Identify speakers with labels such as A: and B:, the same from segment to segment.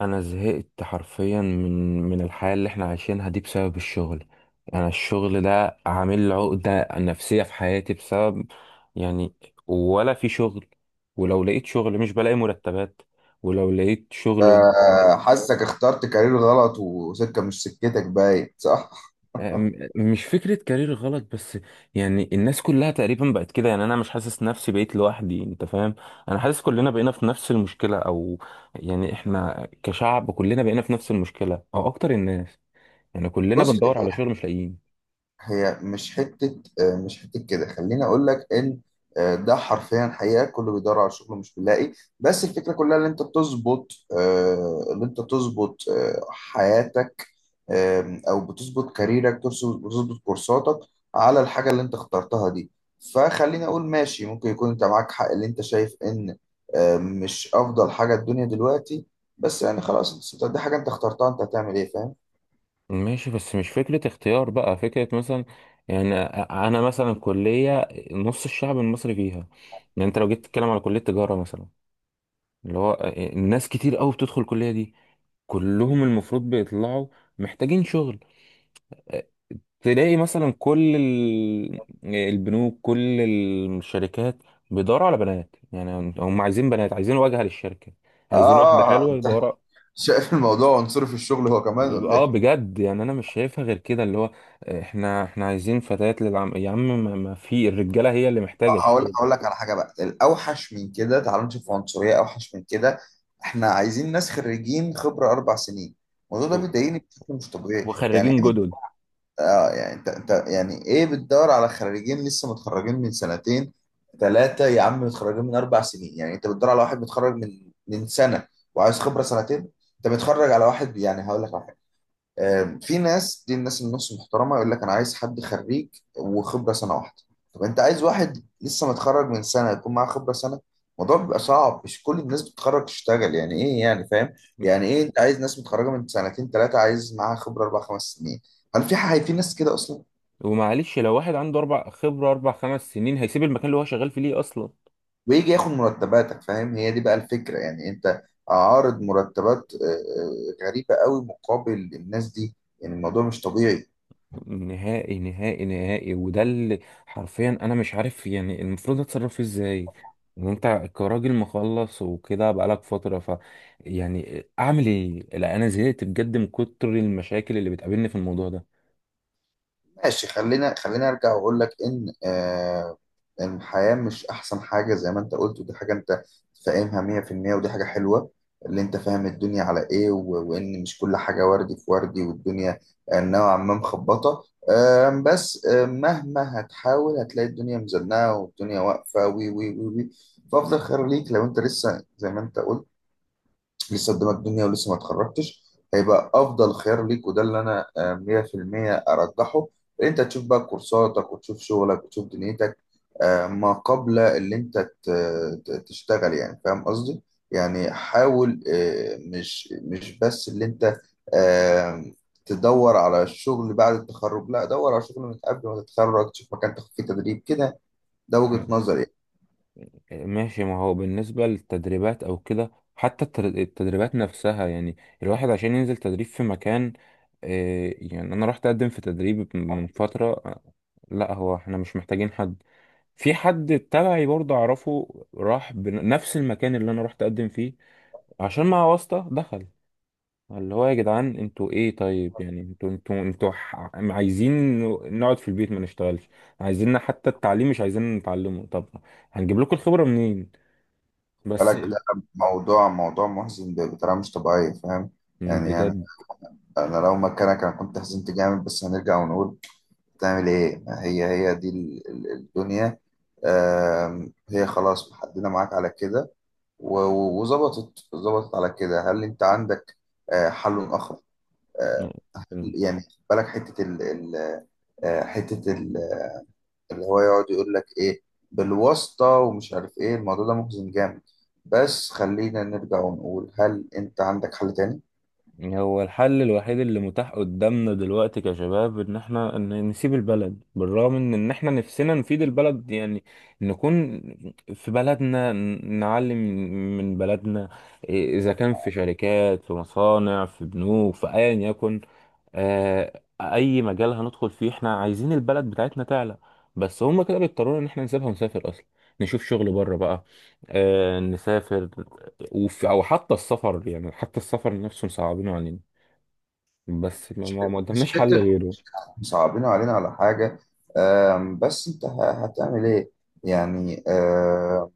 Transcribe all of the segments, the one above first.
A: انا زهقت حرفيا من الحياه اللي احنا عايشينها دي بسبب الشغل. انا الشغل ده عامل لي عقده نفسيه في حياتي، بسبب يعني. ولا في شغل. ولو لقيت شغل مش بلاقي مرتبات. ولو لقيت شغل ومرتبات.
B: حاسك اخترت كارير غلط وسكة مش سكتك باين، صح؟
A: مش فكره كارير غلط بس. يعني الناس كلها تقريبا بقت كده، يعني انا مش حاسس نفسي بقيت لوحدي، انت فاهم. انا حاسس كلنا بقينا في نفس المشكله، او يعني احنا كشعب كلنا بقينا في نفس المشكله او اكتر الناس. يعني كلنا
B: بص،
A: بندور على شغل مش لاقيين.
B: هي مش حتة آه، مش حتة كده. خليني اقول لك ان ده حرفيا حقيقة، كله بيدور على شغل مش بيلاقي. بس الفكرة كلها ان انت تظبط حياتك، او بتظبط كاريرك، بتظبط كورساتك على الحاجه اللي انت اخترتها دي. فخليني اقول ماشي، ممكن يكون انت معاك حق اللي انت شايف ان مش افضل حاجه الدنيا دلوقتي، بس يعني خلاص انت دي حاجه انت اخترتها، انت هتعمل ايه؟ فاهم؟
A: ماشي، بس مش فكرة اختيار بقى فكرة مثلا، يعني. أنا مثلا كلية نص الشعب المصري فيها. يعني أنت لو جيت تتكلم على كلية تجارة مثلا، اللي هو الناس كتير قوي بتدخل الكلية دي، كلهم المفروض بيطلعوا محتاجين شغل. تلاقي مثلا كل البنوك، كل الشركات، بيدوروا على بنات. يعني هم عايزين بنات، عايزين واجهة للشركة، عايزين واحدة
B: اه
A: حلوة
B: انت
A: يدوروا.
B: شايف الموضوع عنصري في الشغل هو كمان ولا
A: اه
B: ايه؟
A: بجد، يعني انا مش شايفها غير كده، اللي هو احنا عايزين فتيات للعم يا عم، ما في الرجاله هي اللي محتاجه
B: هقول
A: الشغل.
B: هقول لك على حاجه بقى الاوحش من كده، تعالوا نشوف عنصريه اوحش من كده. احنا عايزين ناس خريجين خبره اربع سنين. الموضوع ده
A: و-
B: بيضايقني بشكل مش طبيعي، يعني
A: وخريجين
B: ايه؟
A: جدد.
B: اه يعني انت يعني ايه بتدور على خريجين لسه متخرجين من سنتين، ثلاثة، يا عم، متخرجين من أربع سنين؟ يعني انت بتدور على واحد متخرج من سنة وعايز خبرة سنتين. انت بتتخرج على واحد، يعني هقول لك، في ناس، دي الناس النص محترمه، يقول لك انا عايز حد خريج وخبره سنه واحده. طب انت عايز واحد لسه متخرج من سنه يكون معاه خبره سنه؟ الموضوع بيبقى صعب، مش كل الناس بتتخرج تشتغل، يعني ايه، يعني فاهم؟ يعني ايه انت عايز ناس متخرجه من سنتين ثلاثه عايز معاها خبره اربع خمس سنين؟ هل في حاجه في ناس كده اصلا؟
A: ومعلش لو واحد عنده اربع خبره اربع 5 سنين هيسيب المكان اللي هو شغال فيه ليه اصلا؟
B: ويجي ياخد مرتباتك، فاهم؟ هي دي بقى الفكره، يعني انت عارض مرتبات غريبه قوي مقابل الناس دي. يعني الموضوع مش طبيعي.
A: نهائي نهائي نهائي، وده اللي حرفيا انا مش عارف يعني المفروض اتصرف فيه ازاي. وانت كراجل مخلص وكده بقالك فتره، ف يعني اعمل ايه؟ لا، انا زهقت بجد من كتر المشاكل اللي بتقابلني في الموضوع
B: ماشي، خلينا ارجع واقول لك ان إن الحياه مش احسن حاجه زي ما انت قلت، ودي حاجه انت فاهمها 100%، ودي حاجه حلوه اللي انت فاهم الدنيا على ايه، و- وان مش كل حاجه وردي في وردي، والدنيا نوعا ما مخبطه. بس مهما هتحاول هتلاقي الدنيا مزنقه والدنيا واقفه وي وي وي وي. فافضل خير ليك لو انت لسه زي ما انت قلت لسه قدامك الدنيا ولسه ما اتخرجتش، هيبقى افضل خيار ليك، وده اللي انا 100% ارجحه. ان انت تشوف بقى كورساتك وتشوف شغلك وتشوف دنيتك ما قبل اللي انت تشتغل، يعني فاهم قصدي؟ يعني حاول، مش بس اللي انت آه، تدور على الشغل بعد التخرج، لا، دور على شغل من قبل ما تتخرج، تشوف مكان تاخد فيه تدريب كده. ده
A: ده.
B: وجهة نظري يعني.
A: ماشي، ما هو بالنسبة للتدريبات أو كده، حتى التدريبات نفسها. يعني الواحد عشان ينزل تدريب في مكان، يعني أنا رحت أقدم في تدريب من فترة، لا هو احنا مش محتاجين حد. في حد تبعي برضه أعرفه راح بنفس المكان اللي أنا رحت أقدم فيه عشان مع واسطة دخل، اللي هو يا جدعان انتوا ايه؟ طيب يعني انتوا عايزين نقعد في البيت ما نشتغلش؟ عايزيننا حتى التعليم مش عايزين نتعلمه؟ طب هنجيب لكم الخبرة منين؟ بس
B: بالك، ده موضوع محزن بطريقة مش طبيعية، فاهم؟ يعني
A: بجد
B: انا لو مكانك انا كنت حزنت جامد، بس هنرجع ونقول تعمل ايه؟ هي دي الدنيا. هي خلاص محددة معاك على كده، و- و- وظبطت ظبطت على كده. هل انت عندك حل اخر؟ آه، يعني خد بالك حتة آه، حتة ال- اللي هو يقعد يقول لك ايه بالواسطة ومش عارف ايه. الموضوع ده محزن جامد، بس خلينا نرجع ونقول، هل انت عندك حل تاني؟
A: هو الحل الوحيد اللي متاح قدامنا دلوقتي كشباب، ان احنا ان نسيب البلد، بالرغم من ان احنا نفسنا نفيد البلد، يعني نكون في بلدنا نعلم من بلدنا. إيه، اذا كان في شركات، في مصانع، في بنوك، في ايا يكن، اي مجال هندخل فيه، احنا عايزين البلد بتاعتنا تعلى. بس هما كده بيضطرونا ان احنا نسيبها ونسافر اصلا، نشوف شغل بره بقى، نسافر. وفي، او حتى السفر، يعني حتى السفر نفسه مصعبينه علينا، بس ما
B: مش
A: قدامناش حل
B: حتة
A: غيره.
B: صعبين علينا على حاجة. بس انت هتعمل ايه؟ يعني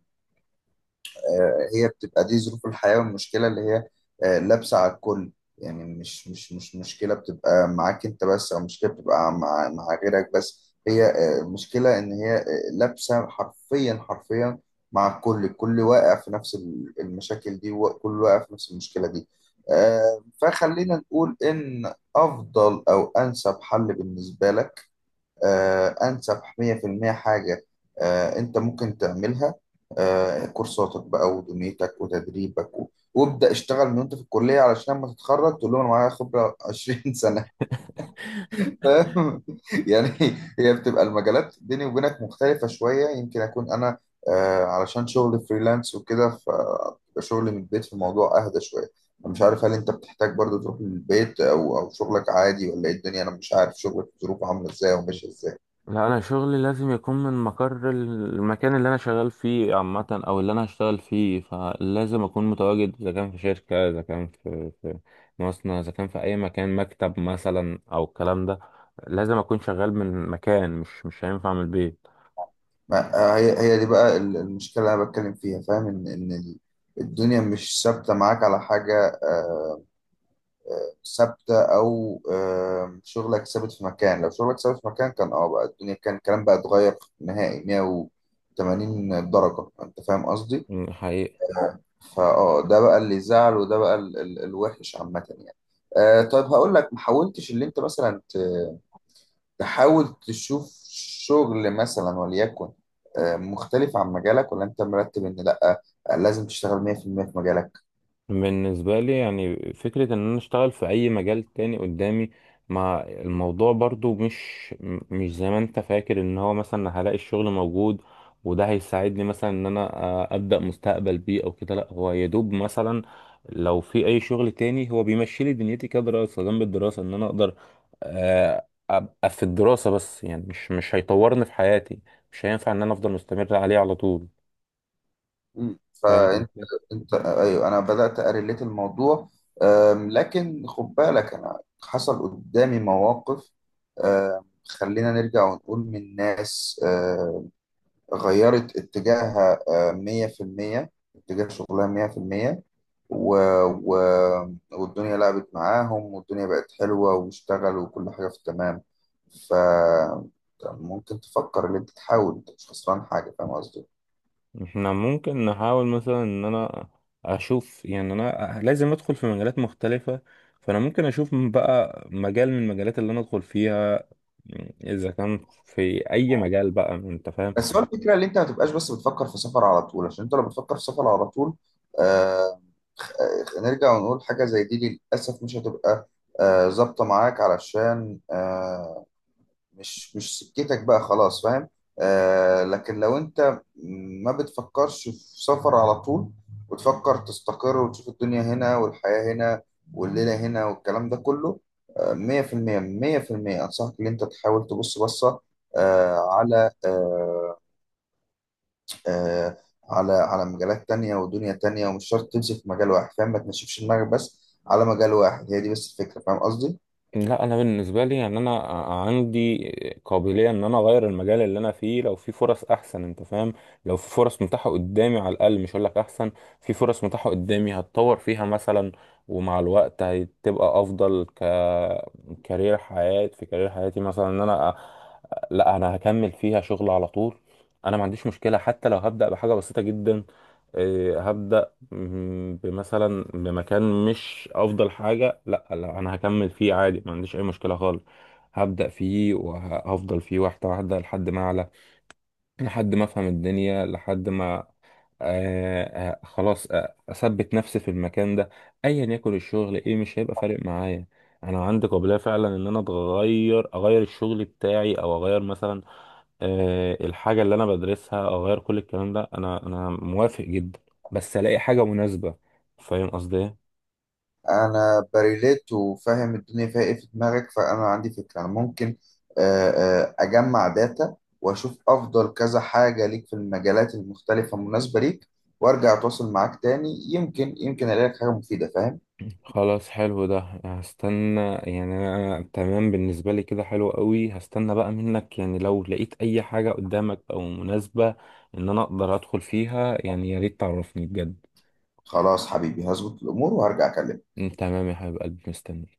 B: هي بتبقى دي ظروف الحياة، والمشكلة اللي هي لابسة على الكل. يعني مش مشكلة بتبقى معاك انت بس، او مشكلة بتبقى مع غيرك بس، هي المشكلة ان هي لابسة حرفيا حرفيا مع الكل، الكل واقع في نفس المشاكل دي، وكل واقع في نفس المشكلة دي. فخلينا نقول ان افضل او انسب حل بالنسبة لك، أنسب 100% حاجة أنت ممكن تعملها، كورساتك بقى ودنيتك وتدريبك، و- وابدأ اشتغل من وأنت في الكلية، علشان لما تتخرج تقول لهم أنا معايا خبرة 20 سنة. فاهم؟ يعني هي بتبقى المجالات بيني وبينك مختلفة شوية، يمكن أكون أنا علشان شغل فريلانس وكده، فبيبقى شغلي من البيت، في الموضوع أهدى شوية. أنا مش عارف هل أنت بتحتاج برضو تروح للبيت أو شغلك عادي، ولا إيه الدنيا؟ أنا مش عارف شغلك ظروفه عاملة إزاي وماشية إزاي.
A: لا، انا شغلي لازم يكون من مقر المكان اللي انا شغال فيه عامه، او اللي انا هشتغل فيه، فلازم اكون متواجد، اذا كان في شركه، اذا كان في مصنع، اذا كان في اي مكان، مكتب مثلا او الكلام ده. لازم اكون شغال من مكان، مش هينفع من البيت.
B: ما هي دي بقى المشكلة اللي أنا بتكلم فيها، فاهم؟ الدنيا مش ثابتة معاك على حاجة ثابتة، أو شغلك ثابت في مكان. لو شغلك ثابت في مكان كان بقى الدنيا كان الكلام بقى اتغير نهائي 180 درجة، أنت فاهم قصدي؟
A: حقيقي.
B: فأه ده بقى اللي زعل، وده بقى الوحش عامة، يعني. طيب هقول لك، ما حاولتش اللي أنت مثلا تحاول تشوف شغل مثلا وليكن مختلف عن مجالك؟ ولا انت مرتب ان لا لازم تشتغل 100% في المية في مجالك؟
A: بالنسبة لي، يعني فكرة إن أنا أشتغل في أي مجال تاني قدامي، ما الموضوع برضو مش مش زي ما أنت فاكر إن هو مثلا هلاقي الشغل موجود، وده هيساعدني مثلا إن أنا أبدأ مستقبل بيه أو كده. لأ، هو يدوب مثلا لو في أي شغل تاني هو بيمشي لي دنيتي كدراسة جنب الدراسة، إن أنا أقدر أبقى في الدراسة بس، يعني مش هيطورني في حياتي، مش هينفع إن أنا أفضل مستمر عليه على طول، فاهم.
B: فانت ايوه انا بدات اريليت الموضوع. لكن خد بالك انا حصل قدامي مواقف، خلينا نرجع ونقول، من ناس غيرت اتجاهها 100%، اتجاه شغلها 100%. و... و... والدنيا لعبت معاهم، والدنيا بقت حلوة، واشتغلوا، وكل حاجة في التمام. ف ممكن تفكر ان انت تحاول، انت مش خسران حاجة، فاهم قصدي؟
A: احنا ممكن نحاول مثلا ان انا اشوف، يعني انا لازم ادخل في مجالات مختلفة، فانا ممكن اشوف من بقى مجال من المجالات اللي انا ادخل فيها، اذا كان في اي مجال بقى، انت فاهم.
B: بس هو الفكرة ان انت ما تبقاش بس بتفكر في سفر على طول، عشان انت لو بتفكر في سفر على طول آه... نرجع ونقول حاجة زي دي للأسف مش هتبقى ظابطة معاك، علشان مش سكتك بقى خلاص، فاهم؟ لكن لو انت ما بتفكرش في سفر على طول، وتفكر تستقر وتشوف الدنيا هنا، والحياة هنا، والليلة هنا، والكلام ده كله، مية في المية، مية في المية أنصحك إن أنت تحاول تبص بصة آه على آه آه على على مجالات تانية ودنيا تانية، ومش شرط تمسك في مجال واحد، فاهم؟ ما تنشفش دماغك بس على مجال واحد، هي دي بس الفكرة، فاهم قصدي؟
A: لا، انا بالنسبه لي، يعني انا عندي قابليه ان انا اغير المجال اللي انا فيه لو في فرص احسن، انت فاهم. لو في فرص متاحه قدامي، على الاقل مش هقول لك احسن، في فرص متاحه قدامي هتطور فيها مثلا، ومع الوقت هتبقى افضل كارير حياه، في كارير حياتي، مثلا، ان انا لا، انا هكمل فيها شغل على طول. انا ما عنديش مشكله، حتى لو هبدا بحاجه بسيطه جدا. إيه، هبدا، بمثلا بمكان مش افضل حاجه. لا لا، انا هكمل فيه عادي، ما عنديش اي مشكله خالص. هبدا فيه وهفضل فيه واحده واحده، لحد ما اعلى، لحد ما افهم الدنيا، لحد ما خلاص اثبت نفسي في المكان ده. ايا يكن الشغل ايه، مش هيبقى فارق معايا. انا عندي قابليه فعلا ان انا اتغير، اغير الشغل بتاعي، او اغير مثلا، الحاجة اللي أنا بدرسها، أغير كل الكلام ده. أنا موافق جدا، بس ألاقي حاجة مناسبة. فاهم قصدي إيه؟
B: انا بريليت وفاهم الدنيا فيها ايه في دماغك، فانا عندي فكره، انا ممكن آه، اجمع داتا واشوف افضل كذا حاجه ليك في المجالات المختلفه المناسبه ليك، وارجع اتواصل معاك تاني، يمكن الاقي لك حاجه مفيده، فاهم؟
A: خلاص، حلو ده. هستنى، يعني أنا تمام بالنسبة لي كده، حلو قوي. هستنى بقى منك، يعني لو لقيت أي حاجة قدامك أو مناسبة إن أنا أقدر أدخل فيها، يعني يا ريت تعرفني بجد.
B: خلاص حبيبي، هظبط الامور وهرجع اكلمك.
A: تمام يا حبيب قلبي، مستني.